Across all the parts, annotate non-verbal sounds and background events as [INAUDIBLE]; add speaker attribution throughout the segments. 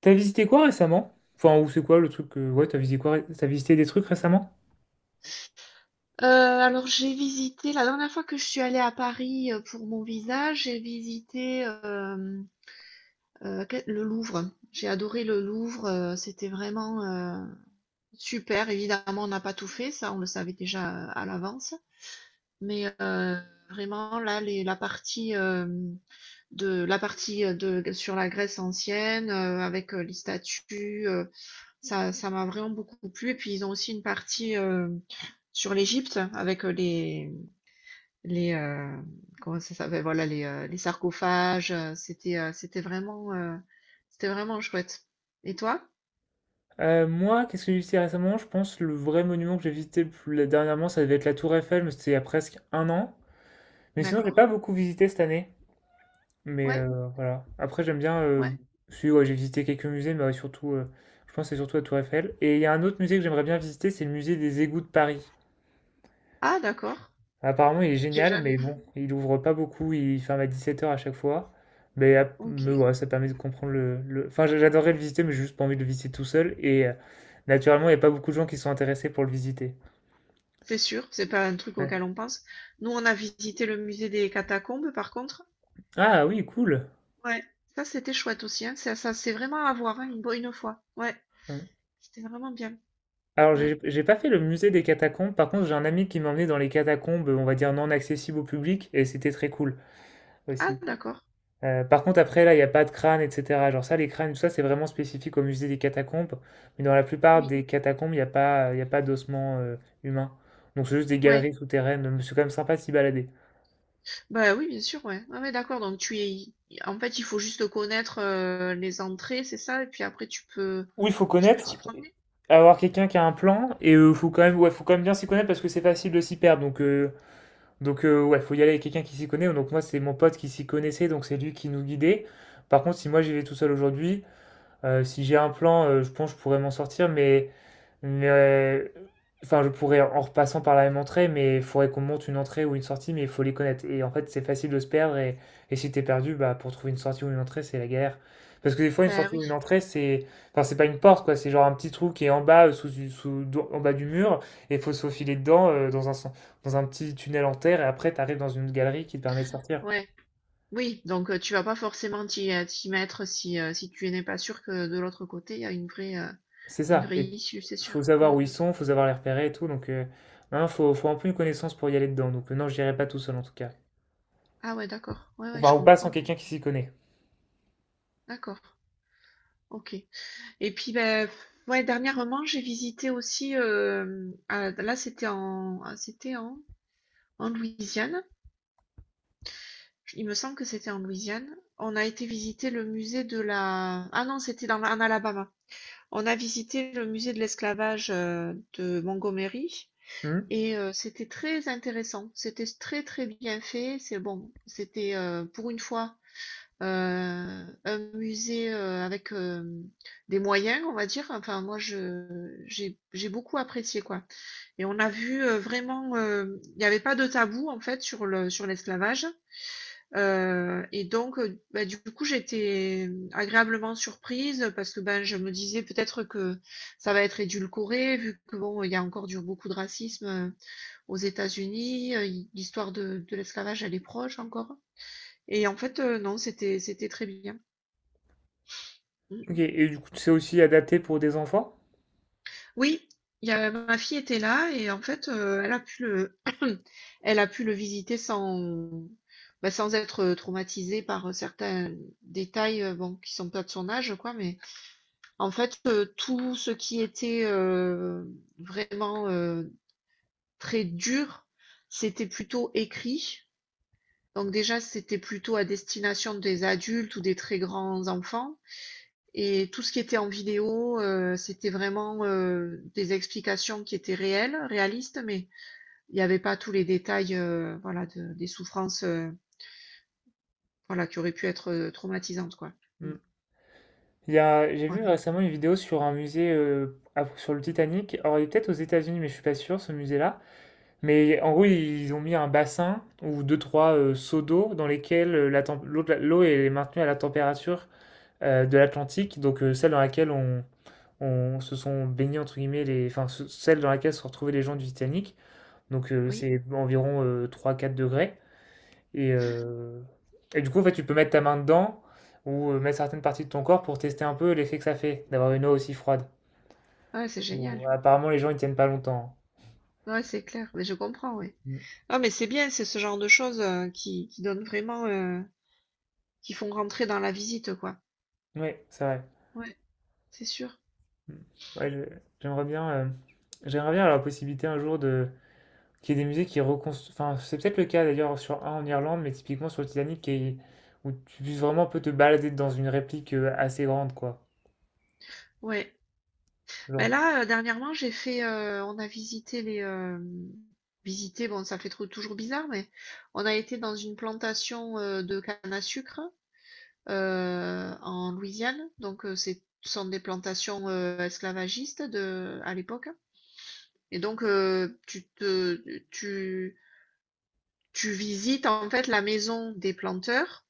Speaker 1: T'as visité quoi récemment? Enfin, ou c'est quoi le truc que... Ouais, t'as visité quoi? T'as visité des trucs récemment?
Speaker 2: Alors j'ai visité la dernière fois que je suis allée à Paris, pour mon visa, j'ai visité que le Louvre. J'ai adoré le Louvre, c'était vraiment, super. Évidemment, on n'a pas tout fait, ça, on le savait déjà, à l'avance. Mais, heu, Vraiment là, les la partie, hem, de la partie, de sur la Grèce ancienne, avec, les statues, ça m'a vraiment beaucoup plu. Et puis ils ont aussi une partie, sur l'Égypte avec, Les, heu, comment ça s'appelle? Ben voilà, les sarcophages, c'était vraiment chouette. Et toi?
Speaker 1: Moi, qu'est-ce que j'ai visité récemment? Je pense le vrai monument que j'ai visité dernièrement, ça devait être la Tour Eiffel, mais c'était il y a presque un an. Mais sinon, j'ai
Speaker 2: D'accord.
Speaker 1: pas beaucoup visité cette année. Mais
Speaker 2: Ouais,
Speaker 1: voilà. Après, j'aime bien.
Speaker 2: ouais.
Speaker 1: Si, ouais, j'ai visité quelques musées, mais ouais, surtout, je pense que c'est surtout la Tour Eiffel. Et il y a un autre musée que j'aimerais bien visiter, c'est le musée des égouts de Paris.
Speaker 2: Ah d'accord,
Speaker 1: Apparemment, il est
Speaker 2: j'ai
Speaker 1: génial,
Speaker 2: jamais
Speaker 1: mais
Speaker 2: vu.
Speaker 1: bon, il ouvre pas beaucoup, il ferme à 17h à chaque fois. Mais
Speaker 2: OK.
Speaker 1: ouais, ça permet de comprendre enfin, j'adorerais le visiter, mais j'ai juste pas envie de le visiter tout seul. Et naturellement, il n'y a pas beaucoup de gens qui sont intéressés pour le visiter.
Speaker 2: C'est sûr, c'est pas un truc
Speaker 1: Ouais.
Speaker 2: auquel on pense. Nous, on a visité le musée des catacombes, par contre.
Speaker 1: Ah oui, cool.
Speaker 2: Ouais, ça, c'était chouette aussi, hein. Ça, c'est vraiment à voir, hein, une fois. Ouais,
Speaker 1: Hum.
Speaker 2: c'était vraiment bien.
Speaker 1: Alors,
Speaker 2: Ouais.
Speaker 1: j'ai pas fait le musée des catacombes. Par contre, j'ai un ami qui m'a emmené dans les catacombes, on va dire non accessibles au public, et c'était très cool
Speaker 2: Ah
Speaker 1: aussi.
Speaker 2: d'accord,
Speaker 1: Par contre après là, il y a pas de crâne et cetera. Genre ça, les crânes, tout ça, c'est vraiment spécifique au musée des catacombes, mais dans la plupart
Speaker 2: oui,
Speaker 1: des catacombes, il y a pas d'ossements, humains. Donc c'est juste des
Speaker 2: ouais.
Speaker 1: galeries souterraines, mais c'est quand même sympa de s'y balader.
Speaker 2: Bah oui, bien sûr, ouais. Ouais, ouais, d'accord. Donc tu es, en fait, il faut juste connaître les entrées, c'est ça, et puis après tu peux
Speaker 1: Oui il faut
Speaker 2: tu peux t'y
Speaker 1: connaître,
Speaker 2: promener.
Speaker 1: avoir quelqu'un qui a un plan et faut quand même ouais, faut quand même bien s'y connaître parce que c'est facile de s'y perdre donc ouais, faut y aller avec quelqu'un qui s'y connaît. Donc moi, c'est mon pote qui s'y connaissait, donc c'est lui qui nous guidait. Par contre, si moi j'y vais tout seul aujourd'hui, si j'ai un plan, je pense que je pourrais m'en sortir, mais, enfin, je pourrais en repassant par la même entrée, mais il faudrait qu'on monte une entrée ou une sortie, mais il faut les connaître. Et en fait, c'est facile de se perdre, et si t'es perdu, bah, pour trouver une sortie ou une entrée, c'est la galère. Parce que des fois, une
Speaker 2: Bah
Speaker 1: sortie ou une
Speaker 2: oui,
Speaker 1: entrée, c'est, enfin, c'est pas une porte, quoi, c'est genre un petit trou qui est en bas, sous, du- sous- do- en bas du mur, et il faut se faufiler dedans, dans un, dans un petit tunnel en terre, et après, t'arrives dans une galerie qui te permet de sortir.
Speaker 2: ouais, oui. Donc tu vas pas forcément t'y mettre si si tu n'es pas sûr que de l'autre côté il y a
Speaker 1: C'est
Speaker 2: une
Speaker 1: ça.
Speaker 2: vraie
Speaker 1: Et
Speaker 2: issue, c'est sûr.
Speaker 1: faut savoir
Speaker 2: Mm.
Speaker 1: où ils sont, faut savoir les repérer et tout. Donc, hein, faut un peu une connaissance pour y aller dedans. Donc, non, j'irai pas tout seul en tout cas.
Speaker 2: Ah ouais, d'accord. Ouais, ouais,
Speaker 1: Enfin,
Speaker 2: je
Speaker 1: ou pas sans
Speaker 2: comprends.
Speaker 1: quelqu'un qui s'y connaît.
Speaker 2: D'accord. Ok. Et puis ben ouais, dernièrement j'ai visité aussi. Là c'était en en Louisiane. Il me semble que c'était en Louisiane. On a été visiter le musée de la... Ah non, c'était en Alabama. On a visité le musée de l'esclavage de Montgomery
Speaker 1: Hmm.
Speaker 2: et c'était très intéressant. C'était très très bien fait. C'est bon, c'était pour une fois un musée avec des moyens, on va dire. Enfin, moi, je j'ai beaucoup apprécié quoi. Et on a vu vraiment, il n'y avait pas de tabou en fait sur le sur l'esclavage. Et donc, bah, du coup, j'étais agréablement surprise parce que, ben, je me disais peut-être que ça va être édulcoré vu que bon, il y a encore du beaucoup de racisme, aux États-Unis, l'histoire de l'esclavage, elle est proche encore et en fait, non, c'était très bien. Mmh.
Speaker 1: Ok. Et du coup, c'est aussi adapté pour des enfants?
Speaker 2: Oui, il y a ma fille était là et en fait, elle a pu le [COUGHS] [CLEARS THROAT] elle a pu le visiter sans, bah, sans être traumatisée par, certains détails, bon, qui sont pas de son âge, quoi, mais en fait, tout ce qui était, vraiment, très dur, c'était plutôt écrit. Donc déjà, c'était plutôt à destination des adultes ou des très grands enfants et tout ce qui était en vidéo, c'était vraiment, des explications qui étaient réelles, réalistes, mais il n'y avait pas tous les détails, voilà, de des souffrances, voilà, qui auraient pu être, traumatisantes, quoi. Mmh,
Speaker 1: Hmm. Il y a, j'ai vu
Speaker 2: voilà.
Speaker 1: récemment une vidéo sur un musée, sur le Titanic. Alors, il est peut-être aux États-Unis, mais je suis pas sûr, ce musée-là. Mais en gros, ils ont mis un bassin ou deux, trois seaux d'eau dans lesquels la l'eau de l'eau est maintenue à la température de l'Atlantique, donc celle dans laquelle on se sont baignés, entre guillemets, les, enfin, celle dans laquelle se sont retrouvés les gens du Titanic. Donc,
Speaker 2: Oui.
Speaker 1: c'est environ 3-4 degrés. Et, euh, et du coup, en fait, tu peux mettre ta main dedans ou mettre certaines parties de ton corps pour tester un peu l'effet que ça fait d'avoir une eau aussi froide.
Speaker 2: Ouais, c'est génial.
Speaker 1: Bon, apparemment, les gens ils tiennent pas longtemps.
Speaker 2: Ouais, c'est clair, mais je comprends, oui.
Speaker 1: Mm.
Speaker 2: Ah mais c'est bien, c'est ce genre de choses, qui donnent vraiment, qui font rentrer dans la visite, quoi.
Speaker 1: Oui, c'est vrai.
Speaker 2: Ouais, c'est sûr.
Speaker 1: Mm. Ouais, j'aimerais bien, euh, j'aimerais bien avoir la possibilité un jour de qu'il y ait des musées qui reconstruisent. Enfin, c'est peut-être le cas d'ailleurs sur un en Irlande, mais typiquement sur le Titanic, qui où tu puisses vraiment un peu te balader dans une réplique assez grande, quoi.
Speaker 2: Ouais. Ben
Speaker 1: Genre,
Speaker 2: là, dernièrement, on a visité, bon, ça fait trou toujours bizarre, mais on a été dans une plantation, de canne à sucre, en Louisiane, donc c'est ce sont des plantations, esclavagistes de à l'époque et tu tu visites, en fait, la maison des planteurs.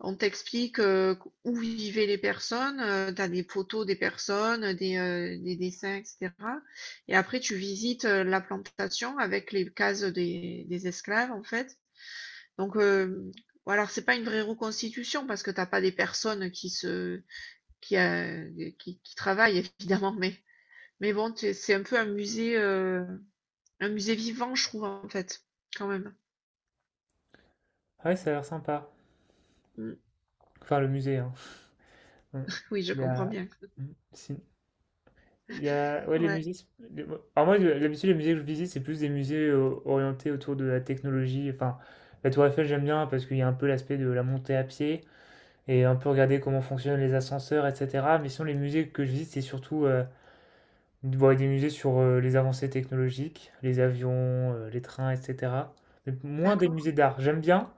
Speaker 2: On t'explique, où vivaient les personnes, tu as des photos des personnes, des dessins et cetera et après tu visites, la plantation avec les cases des esclaves, en fait. Donc, hem, bon alors c'est pas une vraie reconstitution parce que t'as pas des personnes qui se qui, heu, qui travaillent évidemment, mais bon, c'est un peu un musée vivant, je trouve, en fait, quand même.
Speaker 1: ouais, ça a l'air sympa.
Speaker 2: Mmh,
Speaker 1: Enfin, le musée, hein. Mm.
Speaker 2: oui, je
Speaker 1: Il y
Speaker 2: comprends
Speaker 1: a.
Speaker 2: bien.
Speaker 1: Mm. Sin- Il y a, ouais, les
Speaker 2: Ouais,
Speaker 1: musées. C'est- les- Alors moi, d'habitude, les musées que je visite, c'est plus des musées orientés autour de la technologie. Enfin, la Tour Eiffel, j'aime bien parce qu'il y a un peu l'aspect de la montée à pied et un peu regarder comment fonctionnent les ascenseurs, etc. Mais sinon, les musées que je visite, c'est surtout bon, des musées sur les avancées technologiques, les avions, les trains, etc. Mais moins des
Speaker 2: d'accord.
Speaker 1: musées d'art. J'aime bien,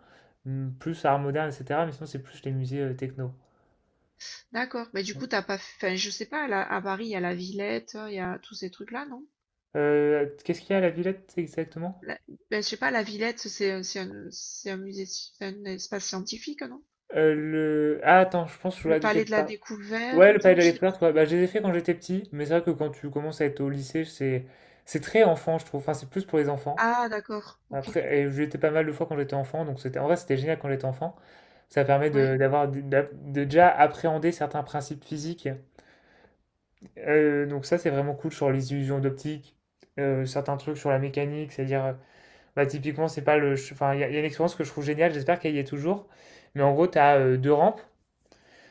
Speaker 1: plus art moderne, etc. Mais sinon, c'est plus les musées techno.
Speaker 2: D'accord. Mais du coup, t'as pas, fait. Enfin, je sais pas, à Paris, il y a la Villette, il y a tous ces trucs-là, non?
Speaker 1: Qu'est-ce qu'il y a à la Villette exactement?
Speaker 2: La- Ben, je sais pas, la Villette, c'est un musée, un espace scientifique, non?
Speaker 1: Ah, attends, je pense que je
Speaker 2: Le
Speaker 1: vois de tu
Speaker 2: Palais de la
Speaker 1: parles. Ouais, le
Speaker 2: Découverte,
Speaker 1: palais de la
Speaker 2: je sais plus.
Speaker 1: découverte, ouais, bah, je les ai fait quand j'étais petit, mais c'est vrai que quand tu commences à être au lycée, c'est très enfant, je trouve. Enfin, c'est plus pour les enfants.
Speaker 2: Ah, d'accord. Ok.
Speaker 1: Après, et j'y étais pas mal de fois quand j'étais enfant, donc c'était en vrai, c'était génial quand j'étais enfant. Ça permet
Speaker 2: Ouais.
Speaker 1: de d'avoir de, d'a- de déjà appréhender certains principes physiques. Donc ça, c'est vraiment cool sur les illusions d'optique, certains trucs sur la mécanique, c'est-à-dire, bah, typiquement, c'est pas le... ch- enfin, il y a une expérience que je trouve géniale, j'espère qu'elle y est toujours. Mais en gros, tu as deux rampes.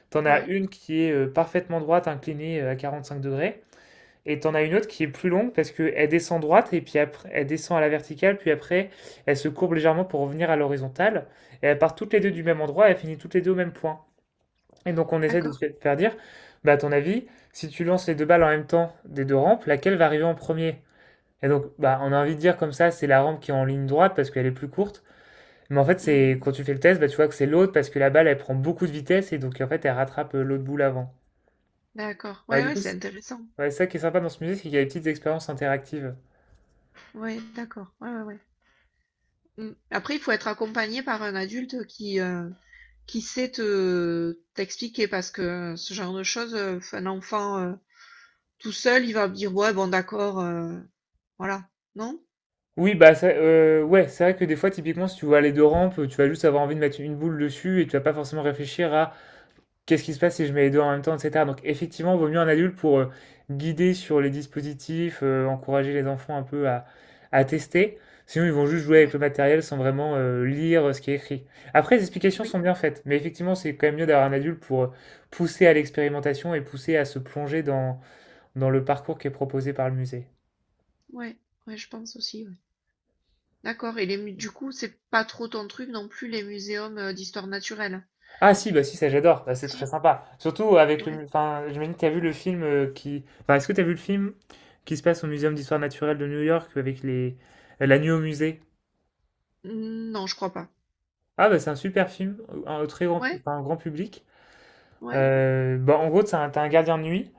Speaker 1: T'en as
Speaker 2: Ouais.
Speaker 1: une qui est parfaitement droite, inclinée à 45 degrés, et t'en as une autre qui est plus longue parce qu'elle descend droite et puis après elle descend à la verticale, puis après elle se courbe légèrement pour revenir à l'horizontale, et elle part toutes les deux
Speaker 2: Mhm.
Speaker 1: du même endroit, et elle finit toutes les deux au même point. Et donc on essaie de
Speaker 2: D'accord.
Speaker 1: se faire dire, bah à ton avis, si tu lances les deux balles en même temps des deux rampes, laquelle va arriver en premier? Et donc bah on a envie de dire comme ça, c'est la rampe qui est en ligne droite parce qu'elle est plus courte. Mais en fait,
Speaker 2: Mhm.
Speaker 1: c'est quand tu fais le test, bah, tu vois que c'est l'autre parce que la balle elle prend beaucoup de vitesse et donc en fait elle rattrape l'autre boule avant.
Speaker 2: D'accord.
Speaker 1: Ouais,
Speaker 2: Ouais,
Speaker 1: du
Speaker 2: ouais,
Speaker 1: coup,
Speaker 2: c'est intéressant.
Speaker 1: ça qui est sympa dans ce musée, c'est qu'il y a des petites expériences interactives.
Speaker 2: Ouais, d'accord. Ouais, ouais, ouais. Mm. Après, il faut être accompagné par un adulte qui sait te t'expliquer parce que ce genre de choses, un enfant, tout seul, il va me dire: «Ouais, bon d'accord, voilà, non?
Speaker 1: Oui, bah, ouais, c'est vrai que des fois, typiquement, si tu vois les deux rampes, tu vas juste avoir envie de mettre une boule dessus et tu vas pas forcément réfléchir à qu'est-ce qui se passe si je mets les deux en même temps, etc. Donc, effectivement, vaut mieux un adulte pour guider sur les dispositifs, encourager les enfants un peu à tester. Sinon, ils vont juste jouer avec le
Speaker 2: Ouais.
Speaker 1: matériel sans vraiment lire ce qui est écrit. Après, les explications
Speaker 2: Oui,
Speaker 1: sont bien faites, mais effectivement, c'est quand même mieux d'avoir un adulte pour pousser à l'expérimentation et pousser à se plonger dans le parcours qui est proposé par le musée.
Speaker 2: ouais, ouais, je pense aussi, ouais. D'accord et les mu du coup, c'est pas trop ton truc non plus les muséums, d'histoire naturelle?
Speaker 1: Ah si, bah si, ça j'adore. Bah, c'est très
Speaker 2: Si?
Speaker 1: sympa. Surtout avec
Speaker 2: Ouais.
Speaker 1: enfin, j'imagine que t'as vu le film enfin, est-ce que t'as vu le film qui se passe au Muséum d'Histoire Naturelle de New York avec les... La nuit musée?
Speaker 2: Mm, non, je crois pas.
Speaker 1: Ah bah c'est un super film,
Speaker 2: Ouais?
Speaker 1: enfin, un grand public.
Speaker 2: Ouais?
Speaker 1: Bah, en gros, t'as un gardien de nuit.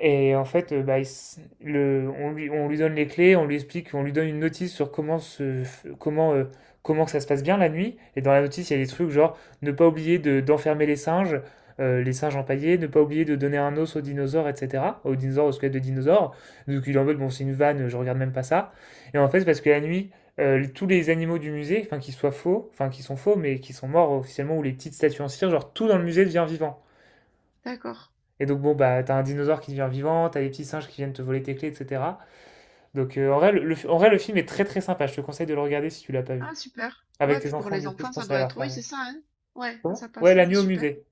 Speaker 1: Et en fait, bah, on lui donne les clés, on lui explique, on lui donne une notice sur comment que ça se passe bien la nuit. Et dans la notice, il y a des trucs genre ne pas oublier d'enfermer les singes empaillés, ne pas oublier de donner un os aux dinosaures, etc. Aux dinosaures, aux squelettes de dinosaures. Donc il est en mode, bon, c'est une vanne, je regarde même pas ça. Et en fait, parce que la nuit, tous les animaux du musée, enfin, qui soient faux, enfin, qui sont faux, mais qui sont morts officiellement, ou les petites statues en cire, genre tout dans le musée devient vivant.
Speaker 2: D'accord.
Speaker 1: Et donc, bon, bah, t'as un dinosaure qui devient vivant, t'as des petits singes qui viennent te voler tes clés, etc. Donc, en vrai, en vrai, le film est très très sympa. Je te conseille de le regarder si tu l'as pas vu.
Speaker 2: Ah super.
Speaker 1: Avec
Speaker 2: Ouais,
Speaker 1: tes
Speaker 2: puis pour
Speaker 1: enfants,
Speaker 2: les
Speaker 1: du coup, je
Speaker 2: enfants, ça
Speaker 1: pense à
Speaker 2: doit
Speaker 1: leur
Speaker 2: être
Speaker 1: faire.
Speaker 2: oui, c'est ça, hein? Ouais, ça,
Speaker 1: Comment?
Speaker 2: ça
Speaker 1: Ouais,
Speaker 2: passe,
Speaker 1: La
Speaker 2: ah
Speaker 1: nuit au
Speaker 2: super.
Speaker 1: musée.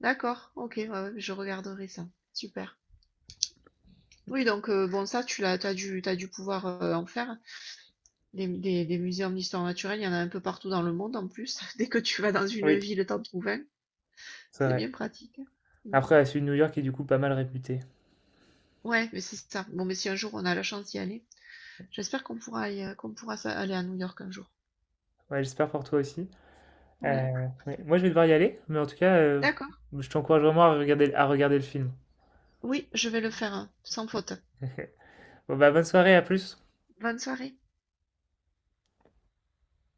Speaker 2: D'accord, OK, ouais, ouais, je regarderai ça. Super. Oui bon ça, tu l'as t'as dû pouvoir, en faire? Des muséums d'histoire naturelle, il y en a un peu partout dans le monde en plus. [LAUGHS] Dès que tu vas dans une
Speaker 1: Oui,
Speaker 2: ville, t'en trouves un.
Speaker 1: c'est
Speaker 2: C'est
Speaker 1: vrai.
Speaker 2: bien pratique. Mm.
Speaker 1: Après, ouais, celui de New York est du coup pas mal réputé.
Speaker 2: Ouais, mais c'est ça. Bon, mais si un jour on a la chance d'y aller, j'espère qu'on pourra y- qu'on pourra aller à New York un jour.
Speaker 1: Ouais, j'espère pour toi aussi.
Speaker 2: Ouais.
Speaker 1: Ouais. Moi, je vais devoir y aller, mais en tout cas,
Speaker 2: D'accord.
Speaker 1: je t'encourage vraiment à regarder le film.
Speaker 2: Oui, je vais le faire, hein, sans faute.
Speaker 1: [LAUGHS] Bon, bah, bonne soirée, à plus.
Speaker 2: Bonne soirée.